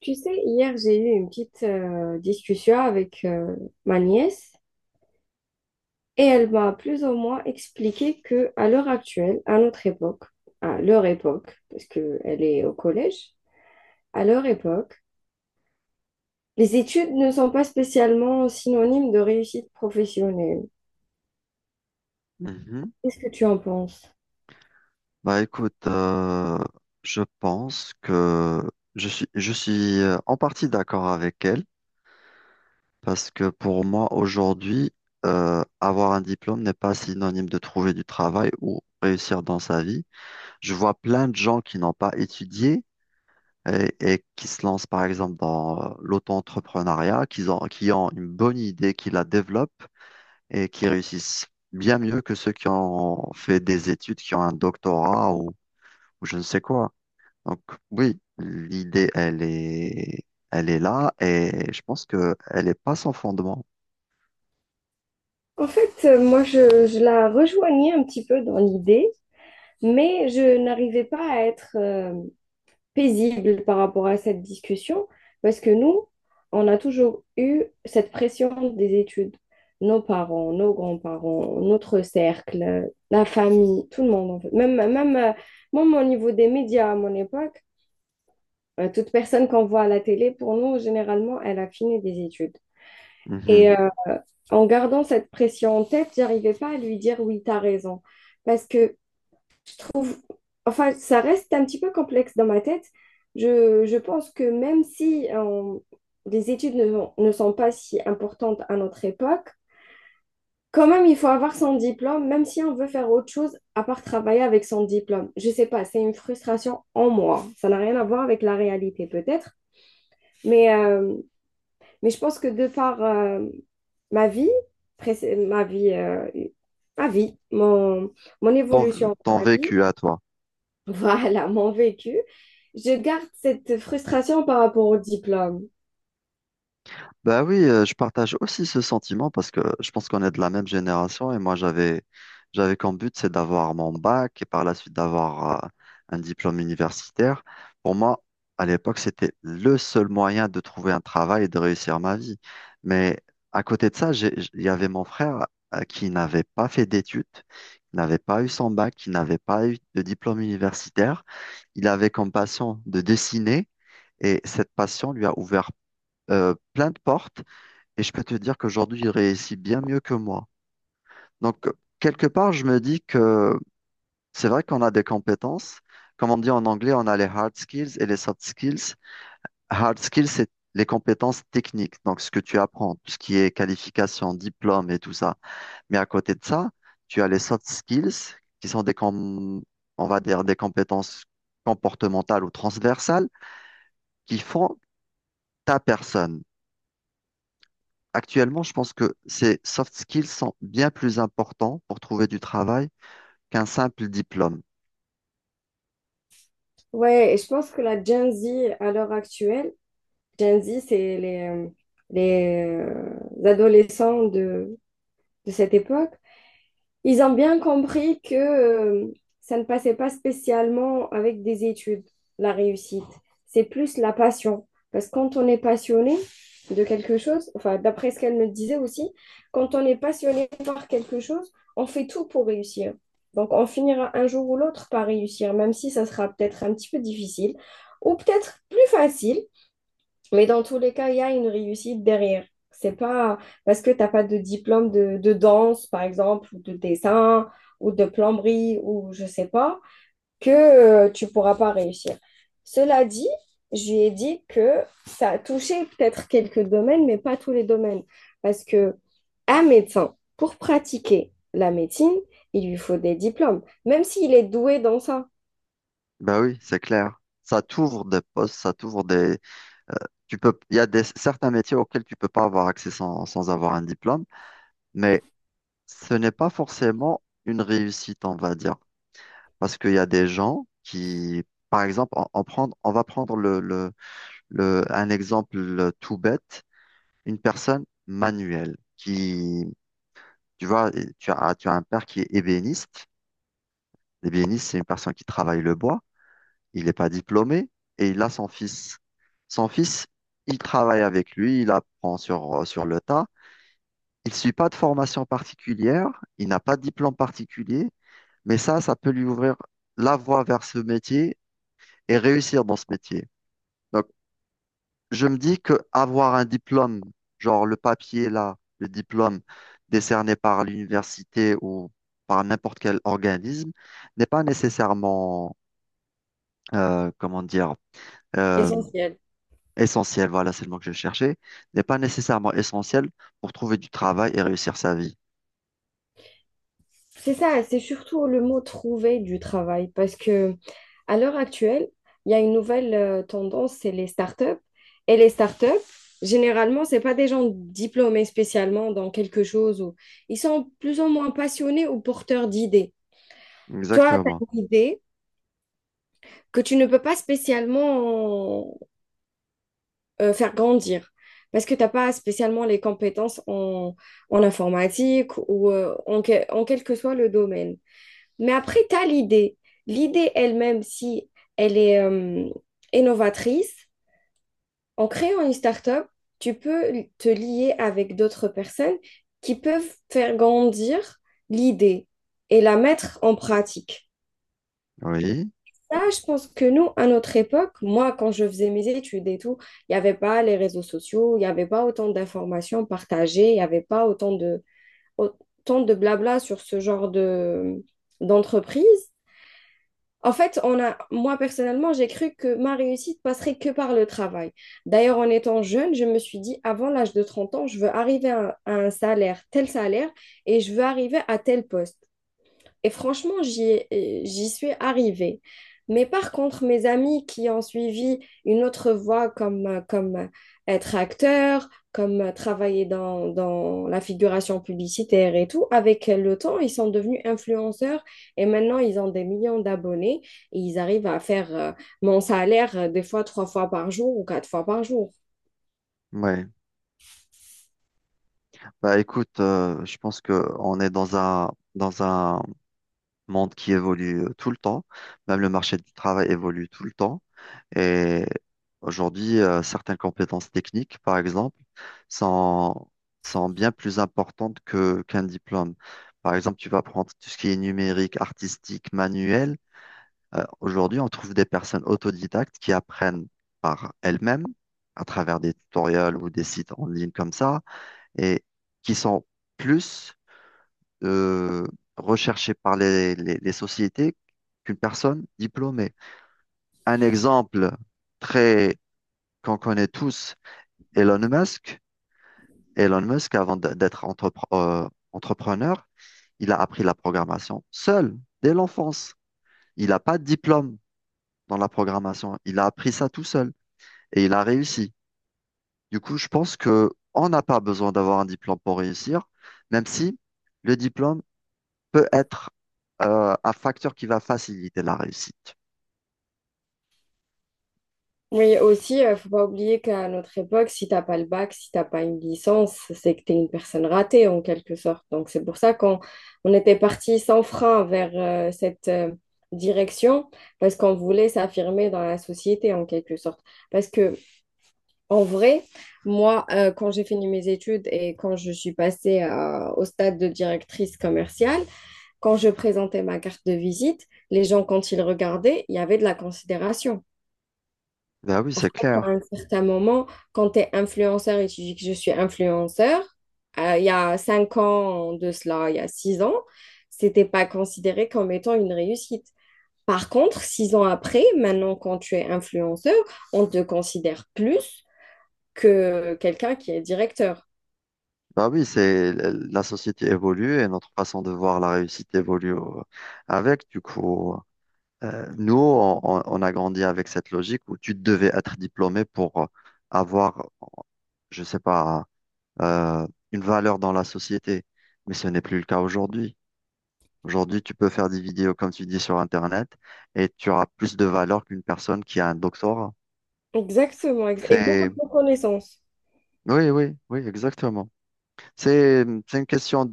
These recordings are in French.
Tu sais, hier, j'ai eu une petite discussion avec ma nièce et elle m'a plus ou moins expliqué que à l'heure actuelle, à notre époque, à leur époque, parce qu'elle est au collège, à leur époque, les études ne sont pas spécialement synonymes de réussite professionnelle. Mhm. Qu'est-ce que tu en penses? Bah écoute, je pense que je suis en partie d'accord avec elle parce que pour moi aujourd'hui, avoir un diplôme n'est pas synonyme de trouver du travail ou réussir dans sa vie. Je vois plein de gens qui n'ont pas étudié et qui se lancent par exemple dans l'auto-entrepreneuriat, qui ont une bonne idée, qui la développent et qui réussissent bien mieux que ceux qui ont fait des études, qui ont un doctorat ou je ne sais quoi. Donc oui, l'idée, elle est là et je pense que elle est pas sans fondement. En fait, moi, je la rejoignais un petit peu dans l'idée, mais je n'arrivais pas à être paisible par rapport à cette discussion, parce que nous, on a toujours eu cette pression des études. Nos parents, nos grands-parents, notre cercle, la famille, tout le monde en fait. Même au niveau des médias à mon époque, toute personne qu'on voit à la télé, pour nous, généralement, elle a fini des études. Et Mhm. En gardant cette pression en tête, j'arrivais pas à lui dire oui, t'as raison. Parce que enfin, ça reste un petit peu complexe dans ma tête. Je pense que même si les études ne sont pas si importantes à notre époque, quand même, il faut avoir son diplôme, même si on veut faire autre chose à part travailler avec son diplôme. Je sais pas, c'est une frustration en moi. Ça n'a rien à voir avec la réalité peut-être, mais, euh, mais je pense que de par ma vie, ma vie, ma vie, mon, mon Ton, évolution ton dans la vie, vécu à toi. voilà, mon vécu. Je garde cette frustration par rapport au diplôme. Bah oui, je partage aussi ce sentiment parce que je pense qu'on est de la même génération et moi j'avais comme but c'est d'avoir mon bac et par la suite d'avoir un diplôme universitaire. Pour moi, à l'époque, c'était le seul moyen de trouver un travail et de réussir ma vie. Mais à côté de ça, il y avait mon frère qui n'avait pas fait d'études, qui n'avait pas eu son bac, qui n'avait pas eu de diplôme universitaire. Il avait comme passion de dessiner et cette passion lui a ouvert plein de portes. Et je peux te dire qu'aujourd'hui, il réussit bien mieux que moi. Donc, quelque part, je me dis que c'est vrai qu'on a des compétences. Comme on dit en anglais, on a les hard skills et les soft skills. Hard skills, c'est les compétences techniques, donc ce que tu apprends, tout ce qui est qualification, diplôme et tout ça. Mais à côté de ça, tu as les soft skills, qui sont des, on va dire, des compétences comportementales ou transversales qui font ta personne. Actuellement, je pense que ces soft skills sont bien plus importants pour trouver du travail qu'un simple diplôme. Ouais, et je pense que la Gen Z à l'heure actuelle, Gen Z, c'est les adolescents de cette époque. Ils ont bien compris que ça ne passait pas spécialement avec des études, la réussite. C'est plus la passion. Parce que quand on est passionné de quelque chose, enfin, d'après ce qu'elle me disait aussi, quand on est passionné par quelque chose, on fait tout pour réussir. Donc, on finira un jour ou l'autre par réussir, même si ça sera peut-être un petit peu difficile ou peut-être plus facile, mais dans tous les cas, il y a une réussite derrière. C'est pas parce que t'as pas de diplôme de danse, par exemple, ou de dessin, ou de plomberie, ou je sais pas, que tu pourras pas réussir. Cela dit, je lui ai dit que ça a touché peut-être quelques domaines, mais pas tous les domaines. Parce que un médecin, pour pratiquer la médecine, il lui faut des diplômes, même s'il est doué dans ça. Ben oui, c'est clair. Ça t'ouvre des postes, ça t'ouvre des… Tu peux… Il y a des… certains métiers auxquels tu peux pas avoir accès sans avoir un diplôme, mais ce n'est pas forcément une réussite, on va dire. Parce qu'il y a des gens qui, par exemple, on va prendre un exemple tout bête, une personne manuelle qui. Tu vois, et tu as un père qui est ébéniste. L'ébéniste, c'est une personne qui travaille le bois. Il n'est pas diplômé et il a son fils. Son fils, il travaille avec lui, il apprend sur le tas. Il ne suit pas de formation particulière, il n'a pas de diplôme particulier, mais ça peut lui ouvrir la voie vers ce métier et réussir dans ce métier. Donc, je me dis que avoir un diplôme, genre le papier là, le diplôme décerné par l'université ou par n'importe quel organisme, n'est pas nécessairement, comment dire, euh, Essentiel. essentiel, voilà, c'est le mot que je cherchais, n'est pas nécessairement essentiel pour trouver du travail et réussir sa vie. C'est ça, c'est surtout le mot trouver du travail, parce que à l'heure actuelle, il y a une nouvelle tendance, c'est les startups. Et les startups, généralement, ce pas des gens diplômés spécialement dans quelque chose. Ou... ils sont plus ou moins passionnés ou porteurs d'idées. Toi, tu as Exactement. une idée que tu ne peux pas spécialement faire grandir parce que tu n'as pas spécialement les compétences en informatique ou en quel que soit le domaine. Mais après, tu as l'idée. L'idée elle-même, si elle est innovatrice, en créant une start-up, tu peux te lier avec d'autres personnes qui peuvent faire grandir l'idée et la mettre en pratique. Oui. Là, je pense que nous, à notre époque, moi, quand je faisais mes études et tout, il n'y avait pas les réseaux sociaux, il n'y avait pas autant d'informations partagées, il n'y avait pas autant autant de blabla sur ce genre d'entreprise. En fait, moi personnellement, j'ai cru que ma réussite passerait que par le travail. D'ailleurs, en étant jeune, je me suis dit, avant l'âge de 30 ans, je veux arriver à un salaire, tel salaire, et je veux arriver à tel poste. Et franchement, j'y suis arrivée. Mais par contre, mes amis qui ont suivi une autre voie comme être acteur, comme travailler dans la figuration publicitaire et tout, avec le temps, ils sont devenus influenceurs et maintenant, ils ont des millions d'abonnés et ils arrivent à faire mon salaire des fois 3 fois par jour ou 4 fois par jour. Ouais. Bah écoute, je pense que on est dans un monde qui évolue tout le temps. Même le marché du travail évolue tout le temps. Et aujourd'hui, certaines compétences techniques, par exemple, sont, sont bien plus importantes qu'un diplôme. Par exemple, tu vas prendre tout ce qui est numérique, artistique, manuel. Aujourd'hui, on trouve des personnes autodidactes qui apprennent par elles-mêmes, à travers des tutoriels ou des sites en ligne comme ça, et qui sont plus euh, recherchées par les sociétés qu'une personne diplômée. Un exemple très qu'on connaît tous Elon Musk. Elon Musk, avant d'être entrepreneur, il a appris la programmation seul, dès l'enfance. Il n'a pas de diplôme dans la programmation. Il a appris ça tout seul et il a réussi. Du coup, je pense que on n'a pas besoin d'avoir un diplôme pour réussir, même si le diplôme peut être un facteur qui va faciliter la réussite. Oui, aussi, faut pas oublier qu'à notre époque, si t'as pas le bac, si t'as pas une licence, c'est que tu es une personne ratée en quelque sorte. Donc c'est pour ça qu'on on était parti sans frein vers cette direction parce qu'on voulait s'affirmer dans la société en quelque sorte. Parce que en vrai, moi, quand j'ai fini mes études et quand je suis passée au stade de directrice commerciale, quand je présentais ma carte de visite, les gens quand ils regardaient, il y avait de la considération Ben oui, c'est à clair. un certain moment, quand tu es influenceur et tu dis que je suis influenceur, il y a 5 ans de cela, il y a 6 ans, c'était pas considéré comme étant une réussite. Par contre, 6 ans après, maintenant, quand tu es influenceur, on te considère plus que quelqu'un qui est directeur. Bah oui, c'est la société évolue et notre façon de voir la réussite évolue avec. Du coup, on a grandi avec cette logique où tu devais être diplômé pour avoir, je sais pas, euh, une valeur dans la société. Mais ce n'est plus le cas aujourd'hui. Aujourd'hui, tu peux faire des vidéos, comme tu dis, sur Internet et tu auras plus de valeur qu'une personne qui a un doctorat. Exactement, et beaucoup C'est, de reconnaissance. oui, oui, oui, exactement. C'est une question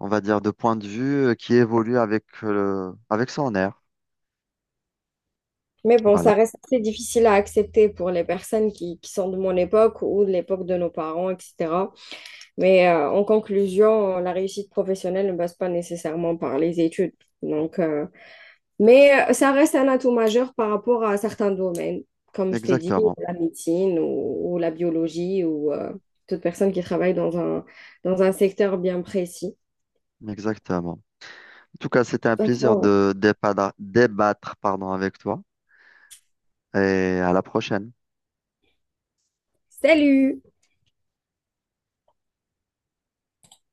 on va dire, de point de vue qui évolue avec, avec son air. Mais bon, Voilà, ça reste assez difficile à accepter pour les personnes qui sont de mon époque ou de l'époque de nos parents, etc. Mais en conclusion, la réussite professionnelle ne passe pas nécessairement par les études. Donc, mais ça reste un atout majeur par rapport à certains domaines, comme je t'ai dit, exactement, la médecine ou la biologie ou toute personne qui travaille dans un secteur bien précis. exactement. En tout cas, c'était un De toute plaisir façon, de débattre, pardon, avec toi et à la prochaine. salut!